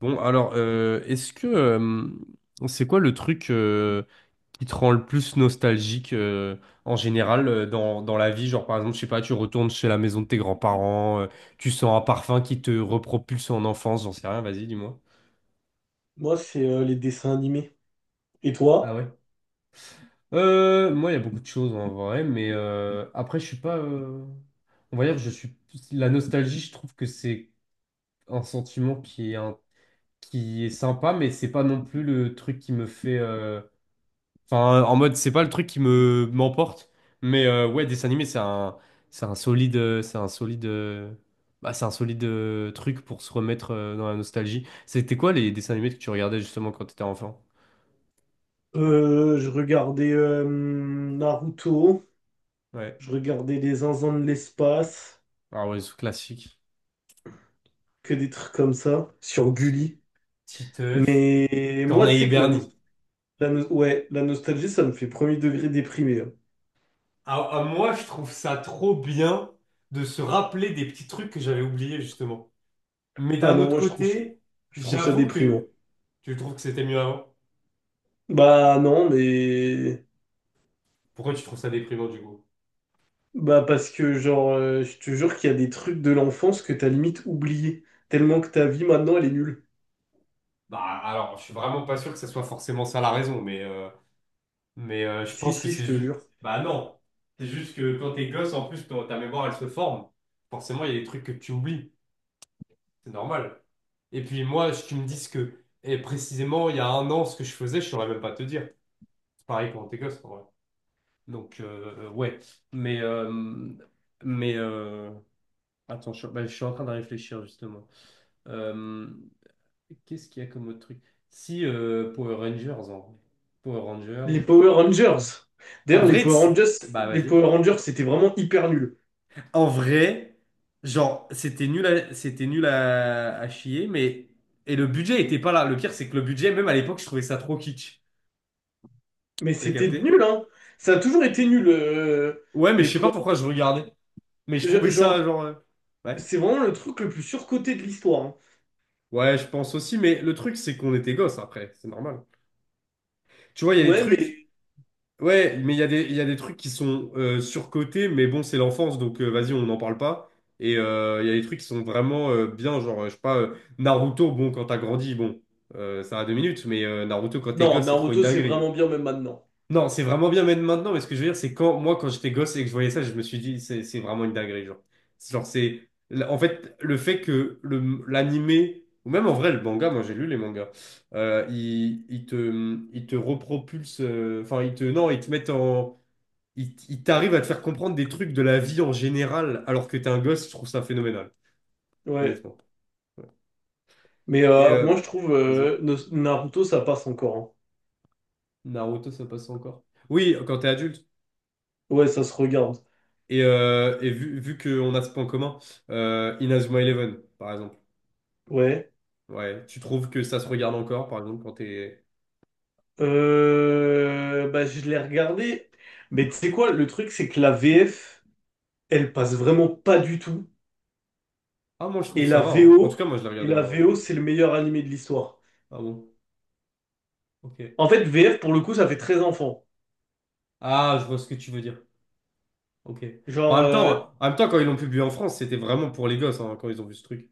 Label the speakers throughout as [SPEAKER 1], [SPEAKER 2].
[SPEAKER 1] Bon, alors, est-ce que c'est quoi le truc qui te rend le plus nostalgique en général, dans la vie? Genre, par exemple, je sais pas, tu retournes chez la maison de tes grands-parents, tu sens un parfum qui te repropulse en enfance, j'en sais rien, vas-y, dis-moi.
[SPEAKER 2] Moi, c'est les dessins animés. Et
[SPEAKER 1] Ah
[SPEAKER 2] toi?
[SPEAKER 1] ouais? Moi, il y a beaucoup de choses en vrai, mais après, je suis pas. On va dire, je suis. La nostalgie, je trouve que c'est un sentiment qui est, qui est sympa, mais c'est pas non plus le truc qui me fait. Enfin, en mode, c'est pas le truc qui me m'emporte, mais ouais, dessin animé, c'est un solide, bah, c'est un solide truc pour se remettre dans la nostalgie. C'était quoi les dessins animés que tu regardais justement quand t'étais enfant?
[SPEAKER 2] Je regardais Naruto,
[SPEAKER 1] Ouais,
[SPEAKER 2] je regardais Les Zinzins de l'espace,
[SPEAKER 1] ah ouais, c'est classique.
[SPEAKER 2] que des trucs comme ça, sur
[SPEAKER 1] Ti-
[SPEAKER 2] Gulli.
[SPEAKER 1] Titeuf,
[SPEAKER 2] Mais moi, tu
[SPEAKER 1] Corneille et
[SPEAKER 2] sais que
[SPEAKER 1] Bernie.
[SPEAKER 2] ouais, la nostalgie, ça me fait premier degré déprimé, hein.
[SPEAKER 1] Ah, ah, moi, je trouve ça trop bien de se rappeler des petits trucs que j'avais oubliés justement. Mais
[SPEAKER 2] Ah
[SPEAKER 1] d'un
[SPEAKER 2] non,
[SPEAKER 1] autre
[SPEAKER 2] moi,
[SPEAKER 1] côté,
[SPEAKER 2] je trouve ça
[SPEAKER 1] j'avoue
[SPEAKER 2] déprimant.
[SPEAKER 1] que tu trouves que c'était mieux avant.
[SPEAKER 2] Bah non, mais.
[SPEAKER 1] Pourquoi tu trouves ça déprimant du coup?
[SPEAKER 2] Bah parce que, genre, je te jure qu'il y a des trucs de l'enfance que t'as limite oublié, tellement que ta vie, maintenant, elle est nulle.
[SPEAKER 1] Bah, alors, je suis vraiment pas sûr que ça soit forcément ça la raison, mais, je
[SPEAKER 2] Si,
[SPEAKER 1] pense que
[SPEAKER 2] si, je
[SPEAKER 1] c'est
[SPEAKER 2] te
[SPEAKER 1] juste.
[SPEAKER 2] jure.
[SPEAKER 1] Bah, non. C'est juste que quand t'es gosse, en plus, ta mémoire, elle se forme. Forcément, il y a des trucs que tu oublies. C'est normal. Et puis, moi, si tu me dis ce que. Et précisément, il y a un an, ce que je faisais, je saurais même pas te dire. C'est pareil quand t'es gosse, en vrai. Donc, ouais. Mais. euh, mais. euh, Attends, bah, je suis en train de réfléchir, justement. Euh, Qu'est-ce qu'il y a comme autre truc? Si, Power Rangers, en vrai. Power Rangers.
[SPEAKER 2] Les Power Rangers.
[SPEAKER 1] En
[SPEAKER 2] D'ailleurs,
[SPEAKER 1] vrai, bah
[SPEAKER 2] Les
[SPEAKER 1] vas-y.
[SPEAKER 2] Power Rangers, c'était vraiment hyper nul.
[SPEAKER 1] En vrai, genre, c'était nul à chier, mais. Et le budget était pas là. Le pire, c'est que le budget, même à l'époque, je trouvais ça trop kitsch.
[SPEAKER 2] Mais
[SPEAKER 1] T'as
[SPEAKER 2] c'était
[SPEAKER 1] capté?
[SPEAKER 2] nul, hein. Ça a toujours été nul,
[SPEAKER 1] Ouais, mais
[SPEAKER 2] les
[SPEAKER 1] je sais pas
[SPEAKER 2] Power
[SPEAKER 1] pourquoi je regardais. Mais je trouvais
[SPEAKER 2] Rangers.
[SPEAKER 1] ça,
[SPEAKER 2] Genre,
[SPEAKER 1] genre. Ouais.
[SPEAKER 2] c'est vraiment le truc le plus surcoté de l'histoire, hein.
[SPEAKER 1] Ouais, je pense aussi, mais le truc, c'est qu'on était gosses après. C'est normal. Tu vois, il y a des
[SPEAKER 2] Ouais,
[SPEAKER 1] trucs.
[SPEAKER 2] mais
[SPEAKER 1] Ouais, mais il y a des trucs qui sont surcotés, mais bon, c'est l'enfance, donc vas-y, on n'en parle pas. Et il y a des trucs qui sont vraiment bien, genre, je sais pas, Naruto, bon, quand t'as grandi, bon, ça a deux minutes, mais Naruto, quand t'es
[SPEAKER 2] non,
[SPEAKER 1] gosse, c'est trop une
[SPEAKER 2] Naruto, c'est
[SPEAKER 1] dinguerie.
[SPEAKER 2] vraiment bien même maintenant.
[SPEAKER 1] Non, c'est vraiment bien même maintenant, mais ce que je veux dire, c'est quand moi, quand j'étais gosse et que je voyais ça, je me suis dit, c'est vraiment une dinguerie, genre. En fait, le fait que le l'animé, ou même en vrai, le manga, moi j'ai lu les mangas, il te repropulse, enfin, il te. Non, il te met en. Il t'arrive à te faire comprendre des trucs de la vie en général, alors que t'es un gosse, je trouve ça phénoménal,
[SPEAKER 2] Ouais.
[SPEAKER 1] honnêtement. Ouais.
[SPEAKER 2] Mais
[SPEAKER 1] Et.
[SPEAKER 2] moi, je trouve
[SPEAKER 1] Vas-y.
[SPEAKER 2] Naruto, ça passe encore, hein.
[SPEAKER 1] Naruto, ça passe encore. Oui, quand t'es adulte.
[SPEAKER 2] Ouais, ça se regarde.
[SPEAKER 1] Et, vu qu'on a ce point commun, Inazuma Eleven, par exemple.
[SPEAKER 2] Ouais.
[SPEAKER 1] Ouais, tu trouves que ça se regarde encore, par exemple, quand t'es...
[SPEAKER 2] Bah, je l'ai regardé. Mais tu sais quoi, le truc, c'est que la VF, elle passe vraiment pas du tout.
[SPEAKER 1] Ah, moi, je trouve que
[SPEAKER 2] Et
[SPEAKER 1] ça va,
[SPEAKER 2] la
[SPEAKER 1] hein. En tout cas,
[SPEAKER 2] VO,
[SPEAKER 1] moi, je l'ai
[SPEAKER 2] et
[SPEAKER 1] regardé
[SPEAKER 2] la
[SPEAKER 1] en...
[SPEAKER 2] VO, c'est le meilleur animé de l'histoire.
[SPEAKER 1] Ah bon? Ok.
[SPEAKER 2] En fait, VF, pour le coup, ça fait très enfant.
[SPEAKER 1] Ah, je vois ce que tu veux dire. Ok. Bah,
[SPEAKER 2] Genre,
[SPEAKER 1] en même temps, quand ils l'ont publié en France, c'était vraiment pour les gosses, hein, quand ils ont vu ce truc.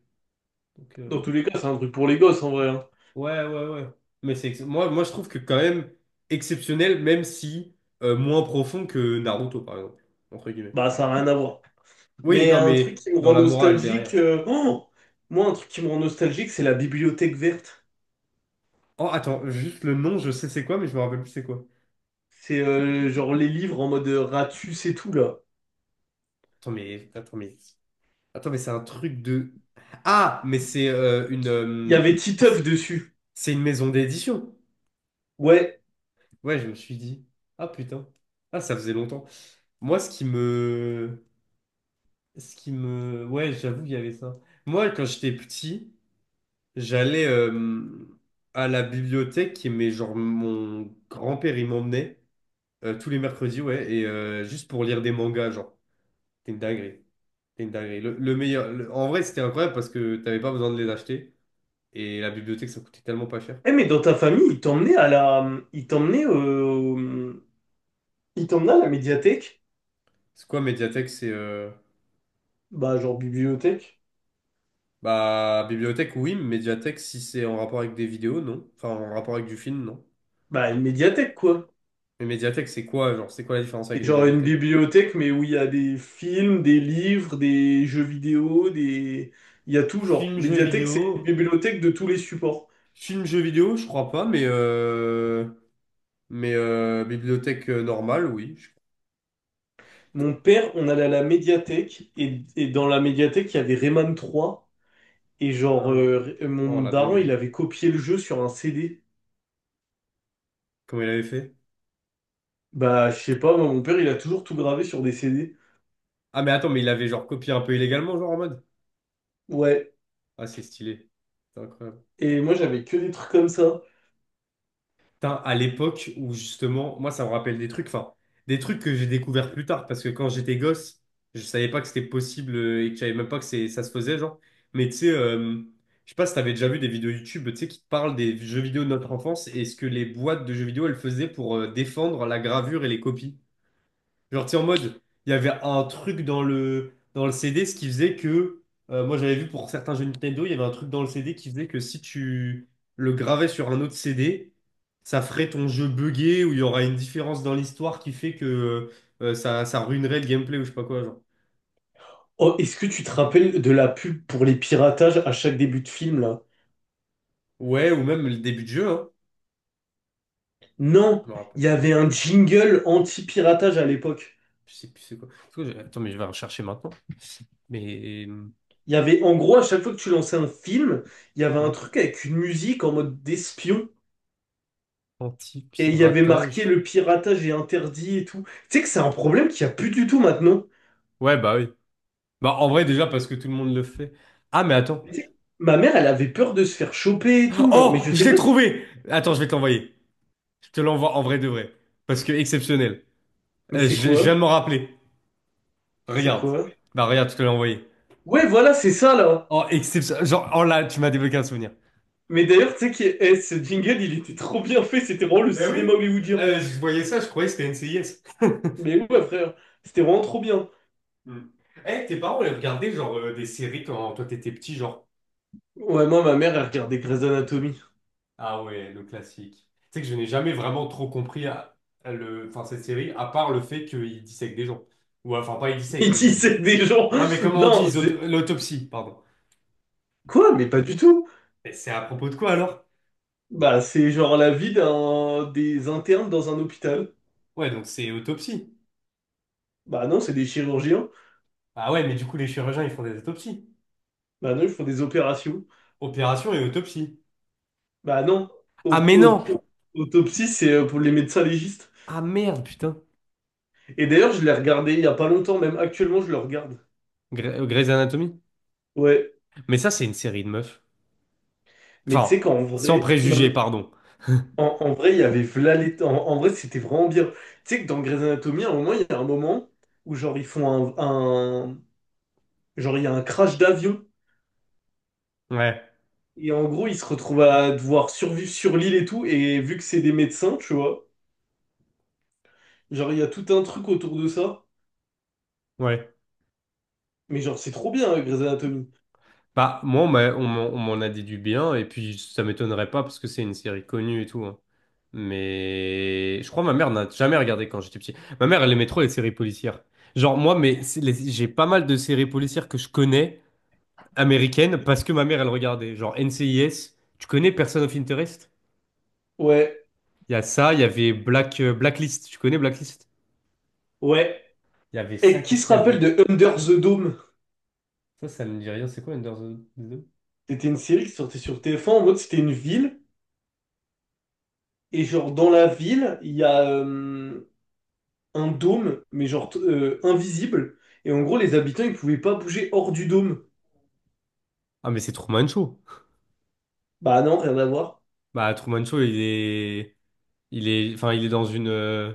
[SPEAKER 1] Donc,
[SPEAKER 2] dans tous les cas, c'est un truc pour les gosses, en vrai, hein.
[SPEAKER 1] Ouais, ouais, ouais. Mais Moi, je trouve que quand même exceptionnel, même si moins profond que Naruto, par exemple, entre guillemets.
[SPEAKER 2] Bah, ça n'a rien à voir.
[SPEAKER 1] Oui,
[SPEAKER 2] Mais
[SPEAKER 1] non,
[SPEAKER 2] un truc
[SPEAKER 1] mais
[SPEAKER 2] qui me
[SPEAKER 1] dans
[SPEAKER 2] rend
[SPEAKER 1] la morale derrière.
[SPEAKER 2] nostalgique... Moi, un truc qui me rend nostalgique, c'est la bibliothèque verte.
[SPEAKER 1] Oh, attends, juste le nom, je sais c'est quoi, mais je me rappelle plus c'est quoi.
[SPEAKER 2] C'est genre les livres en mode Ratus et tout, là.
[SPEAKER 1] Attends, mais... Attends, mais... Attends, mais c'est un truc de... Ah, mais c'est
[SPEAKER 2] Il y avait Titeuf dessus.
[SPEAKER 1] C'est une maison d'édition.
[SPEAKER 2] Ouais.
[SPEAKER 1] Ouais, je me suis dit. Ah, putain. Ah, ça faisait longtemps. Moi, ce qui me... Ce qui me... Ouais, j'avoue qu'il y avait ça. Moi, quand j'étais petit, j'allais à la bibliothèque, qui mais genre mon grand-père, il m'emmenait tous les mercredis, ouais, et juste pour lire des mangas, genre. C'était une dinguerie. C'était une dinguerie. En vrai, c'était incroyable parce que t'avais pas besoin de les acheter et la bibliothèque, ça coûtait tellement pas cher.
[SPEAKER 2] Eh, mais dans ta famille, Ils t'emmenaient à la médiathèque.
[SPEAKER 1] C'est quoi Mediatek? C'est
[SPEAKER 2] Bah, genre bibliothèque.
[SPEAKER 1] bah bibliothèque, oui, mais médiathèque si c'est en rapport avec des vidéos, non. Enfin, en rapport avec du film, non.
[SPEAKER 2] Bah, une médiathèque, quoi.
[SPEAKER 1] Mais Mediatek c'est quoi, genre, c'est quoi la différence
[SPEAKER 2] C'est
[SPEAKER 1] avec une
[SPEAKER 2] genre une
[SPEAKER 1] bibliothèque?
[SPEAKER 2] bibliothèque, mais où il y a des films, des livres, des jeux vidéo, des. Il y a tout genre.
[SPEAKER 1] Film, jeu
[SPEAKER 2] Médiathèque, c'est une
[SPEAKER 1] vidéo,
[SPEAKER 2] bibliothèque de tous les supports.
[SPEAKER 1] film, jeu vidéo, je crois pas, mais bibliothèque normale, oui.
[SPEAKER 2] Mon père, on allait à la médiathèque, et dans la médiathèque, il y avait Rayman 3, et genre,
[SPEAKER 1] Ah, oh
[SPEAKER 2] mon
[SPEAKER 1] la
[SPEAKER 2] daron, il
[SPEAKER 1] dinguerie.
[SPEAKER 2] avait copié le jeu sur un CD.
[SPEAKER 1] Comment il avait fait?
[SPEAKER 2] Bah, je sais pas, moi, mon père, il a toujours tout gravé sur des CD.
[SPEAKER 1] Ah mais attends, mais il avait genre copié un peu illégalement, genre en mode.
[SPEAKER 2] Ouais,
[SPEAKER 1] Ah c'est stylé. C'est incroyable.
[SPEAKER 2] et moi, j'avais que des trucs comme ça.
[SPEAKER 1] Putain, à l'époque où justement, moi ça me rappelle des trucs, enfin, des trucs que j'ai découvert plus tard, parce que quand j'étais gosse, je savais pas que c'était possible et que je savais même pas que c'est, ça se faisait, genre. Mais tu sais, je sais pas si t'avais déjà vu des vidéos YouTube, tu sais, qui te parlent des jeux vidéo de notre enfance et ce que les boîtes de jeux vidéo, elles faisaient pour défendre la gravure et les copies. Genre, tu sais, en mode, il y avait un truc dans dans le CD, ce qui faisait que, moi j'avais vu pour certains jeux Nintendo, il y avait un truc dans le CD qui faisait que si tu le gravais sur un autre CD, ça ferait ton jeu buggé ou il y aura une différence dans l'histoire qui fait que ça ruinerait le gameplay ou je sais pas quoi, genre.
[SPEAKER 2] Oh, est-ce que tu te rappelles de la pub pour les piratages à chaque début de film, là?
[SPEAKER 1] Ouais, ou même le début de jeu, hein.
[SPEAKER 2] Non,
[SPEAKER 1] Je me
[SPEAKER 2] il
[SPEAKER 1] rappelle.
[SPEAKER 2] y avait un jingle anti-piratage à l'époque.
[SPEAKER 1] Je sais plus c'est quoi. Parce que attends, mais je vais rechercher maintenant. Mais,
[SPEAKER 2] Il y avait, en gros, à chaque fois que tu lançais un film, il y avait un
[SPEAKER 1] ouais.
[SPEAKER 2] truc avec une musique en mode d'espion. Et il y avait marqué
[SPEAKER 1] Anti-piratage.
[SPEAKER 2] le piratage est interdit et tout. Tu sais que c'est un problème qu'il n'y a plus du tout maintenant.
[SPEAKER 1] Ouais, bah oui. Bah en vrai, déjà parce que tout le monde le fait. Ah, mais attends.
[SPEAKER 2] Tu sais, ma mère, elle avait peur de se faire choper et tout. Genre, mais
[SPEAKER 1] Oh,
[SPEAKER 2] je
[SPEAKER 1] je
[SPEAKER 2] sais
[SPEAKER 1] l'ai
[SPEAKER 2] pas.
[SPEAKER 1] trouvé! Attends, je vais te l'envoyer. Je te l'envoie en vrai de vrai. Parce que exceptionnel.
[SPEAKER 2] Mais c'est
[SPEAKER 1] Je
[SPEAKER 2] quoi?
[SPEAKER 1] viens de m'en rappeler.
[SPEAKER 2] C'est
[SPEAKER 1] Regarde.
[SPEAKER 2] quoi?
[SPEAKER 1] Bah regarde, je te l'ai envoyé.
[SPEAKER 2] Ouais, voilà, c'est ça là.
[SPEAKER 1] Oh, exceptionnel. Genre, oh là, tu m'as débloqué un souvenir.
[SPEAKER 2] Mais d'ailleurs, tu sais que ce jingle, il était trop bien fait. C'était vraiment le
[SPEAKER 1] Ben
[SPEAKER 2] cinéma
[SPEAKER 1] oui.
[SPEAKER 2] hollywoodien.
[SPEAKER 1] Je voyais ça, je croyais que c'était NCIS.
[SPEAKER 2] Mais ouais, frère, c'était vraiment trop bien.
[SPEAKER 1] Hmm. Eh, tes parents, ils regardaient genre des séries quand toi t'étais petit, genre.
[SPEAKER 2] Ouais, moi, ma mère, elle regardait Grey's Anatomy.
[SPEAKER 1] Ah ouais, le classique. Tu sais que je n'ai jamais vraiment trop compris à le... enfin, cette série, à part le fait qu'ils dissèquent des gens. Ou enfin, pas ils
[SPEAKER 2] Il
[SPEAKER 1] dissèquent,
[SPEAKER 2] dit c'est
[SPEAKER 1] ils...
[SPEAKER 2] des gens.
[SPEAKER 1] Non mais comment on dit,
[SPEAKER 2] Non, c'est.
[SPEAKER 1] l'autopsie, pardon.
[SPEAKER 2] Quoi? Mais pas du tout.
[SPEAKER 1] Mais c'est à propos de quoi alors?
[SPEAKER 2] Bah, c'est genre la vie d'un des internes dans un hôpital.
[SPEAKER 1] Ouais, donc c'est autopsie.
[SPEAKER 2] Bah non, c'est des chirurgiens.
[SPEAKER 1] Ah ouais, mais du coup, les chirurgiens, ils font des autopsies.
[SPEAKER 2] Bah non, ils font des opérations.
[SPEAKER 1] Opération et autopsie.
[SPEAKER 2] Bah non.
[SPEAKER 1] Ah
[SPEAKER 2] Au-
[SPEAKER 1] mais
[SPEAKER 2] au-
[SPEAKER 1] non!
[SPEAKER 2] au- Autopsie, c'est pour les médecins légistes.
[SPEAKER 1] Ah merde, putain.
[SPEAKER 2] Et d'ailleurs, je l'ai regardé il y a pas longtemps, même actuellement, je le regarde.
[SPEAKER 1] Grey's Anatomy?
[SPEAKER 2] Ouais.
[SPEAKER 1] Mais ça, c'est une série de meufs.
[SPEAKER 2] Mais tu sais
[SPEAKER 1] Enfin,
[SPEAKER 2] qu'en
[SPEAKER 1] sans
[SPEAKER 2] vrai, non
[SPEAKER 1] préjugés,
[SPEAKER 2] mais
[SPEAKER 1] pardon.
[SPEAKER 2] en vrai, il y avait v'là les- en vrai, c'était vraiment bien. Tu sais que dans Grey's Anatomy, à un moment, il y a un moment où genre ils font un- genre il y a un crash d'avion.
[SPEAKER 1] Ouais,
[SPEAKER 2] Et en gros, ils se retrouvent à devoir survivre sur l'île et tout. Et vu que c'est des médecins, tu vois, genre, il y a tout un truc autour de ça.
[SPEAKER 1] ouais.
[SPEAKER 2] Mais genre, c'est trop bien, hein, Grey's Anatomy.
[SPEAKER 1] Bah, moi, on m'en a déduit bien, et puis ça m'étonnerait pas parce que c'est une série connue et tout, hein. Mais je crois que ma mère n'a jamais regardé quand j'étais petit. Ma mère, elle aimait trop les séries policières. Genre, moi, mais j'ai pas mal de séries policières que je connais. Américaine parce que ma mère, elle regardait. Genre NCIS. Tu connais Person of Interest?
[SPEAKER 2] Ouais,
[SPEAKER 1] Il y a ça, il y avait Blacklist. Tu connais Blacklist?
[SPEAKER 2] ouais.
[SPEAKER 1] Il y avait ça,
[SPEAKER 2] Et qui
[SPEAKER 1] qu'est-ce
[SPEAKER 2] se
[SPEAKER 1] qu'il y
[SPEAKER 2] rappelle
[SPEAKER 1] avait?
[SPEAKER 2] de Under the Dome?
[SPEAKER 1] Ça ne me dit rien. C'est quoi Under the... Dome?
[SPEAKER 2] C'était une série qui sortait sur TF1. En mode, c'était une ville. Et genre, dans la ville, il y a un dôme, mais genre invisible. Et en gros, les habitants, ils pouvaient pas bouger hors du dôme.
[SPEAKER 1] Ah, mais c'est Truman Show.
[SPEAKER 2] Bah non, rien à voir.
[SPEAKER 1] Bah, Truman Show, il est. Il est. Enfin, il est dans une.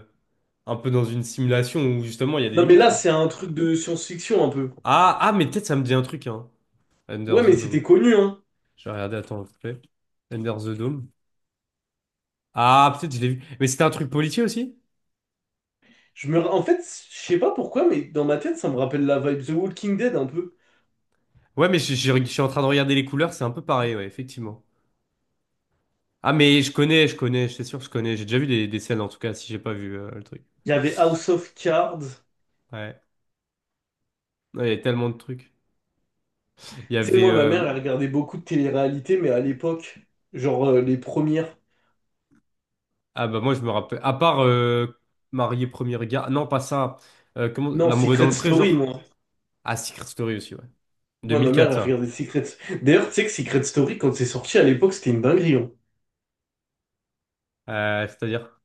[SPEAKER 1] Un peu dans une simulation où justement il y a des
[SPEAKER 2] Non, mais
[SPEAKER 1] limites,
[SPEAKER 2] là,
[SPEAKER 1] quoi.
[SPEAKER 2] c'est un truc de science-fiction un peu.
[SPEAKER 1] Ah, ah, mais peut-être ça me dit un truc, hein. Under
[SPEAKER 2] Ouais,
[SPEAKER 1] the
[SPEAKER 2] mais c'était
[SPEAKER 1] Dome.
[SPEAKER 2] connu, hein.
[SPEAKER 1] Je vais regarder, attends, s'il te plaît. Under the Dome. Ah, peut-être je l'ai vu. Mais c'était un truc policier aussi?
[SPEAKER 2] En fait, je sais pas pourquoi, mais dans ma tête, ça me rappelle la vibe The Walking Dead un peu.
[SPEAKER 1] Ouais, mais je suis en train de regarder les couleurs, c'est un peu pareil, ouais, effectivement. Ah, mais je connais, c'est sûr que je connais. J'ai déjà vu des scènes, en tout cas, si j'ai pas vu le truc.
[SPEAKER 2] Il y avait House of Cards.
[SPEAKER 1] Ouais. Ouais, il y a tellement de trucs. Il y
[SPEAKER 2] Tu sais,
[SPEAKER 1] avait...
[SPEAKER 2] moi, ma mère, elle regardait beaucoup de télé-réalité, mais à l'époque, genre les premières.
[SPEAKER 1] Ah bah moi, je me rappelle... À part Marié Premier Regard... Non, pas ça.
[SPEAKER 2] Non,
[SPEAKER 1] L'amour est dans
[SPEAKER 2] Secret
[SPEAKER 1] le pré,
[SPEAKER 2] Story,
[SPEAKER 1] genre.
[SPEAKER 2] moi.
[SPEAKER 1] Ah, Secret Story aussi, ouais.
[SPEAKER 2] Moi, ma mère,
[SPEAKER 1] 2004,
[SPEAKER 2] elle
[SPEAKER 1] ça.
[SPEAKER 2] regardait Secret. D'ailleurs, tu sais que Secret Story, quand c'est sorti à l'époque, c'était une dinguerie, hein.
[SPEAKER 1] Euh, c'est-à-dire...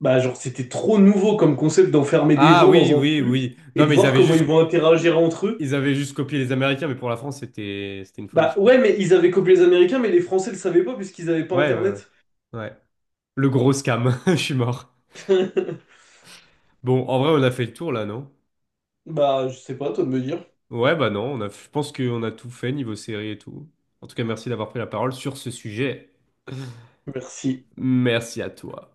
[SPEAKER 2] Bah, genre, c'était trop nouveau comme concept d'enfermer des
[SPEAKER 1] Ah
[SPEAKER 2] gens
[SPEAKER 1] oui,
[SPEAKER 2] dans un
[SPEAKER 1] oui,
[SPEAKER 2] truc
[SPEAKER 1] oui.
[SPEAKER 2] et
[SPEAKER 1] Non,
[SPEAKER 2] de
[SPEAKER 1] mais ils
[SPEAKER 2] voir
[SPEAKER 1] avaient
[SPEAKER 2] comment ils
[SPEAKER 1] juste...
[SPEAKER 2] vont interagir entre eux.
[SPEAKER 1] Ils avaient juste copié les Américains, mais pour la France, c'était une folie,
[SPEAKER 2] Bah,
[SPEAKER 1] je crois.
[SPEAKER 2] ouais, mais ils avaient copié les Américains, mais les Français le savaient pas puisqu'ils avaient pas
[SPEAKER 1] Ouais, ouais, ouais.
[SPEAKER 2] Internet.
[SPEAKER 1] Ouais. Le gros scam. Je suis mort. Bon, en vrai, on a fait le tour là, non?
[SPEAKER 2] Bah, je sais pas, toi de me dire.
[SPEAKER 1] Ouais, bah non, on a, je pense qu'on a tout fait niveau série et tout. En tout cas, merci d'avoir pris la parole sur ce sujet.
[SPEAKER 2] Merci.
[SPEAKER 1] Merci à toi.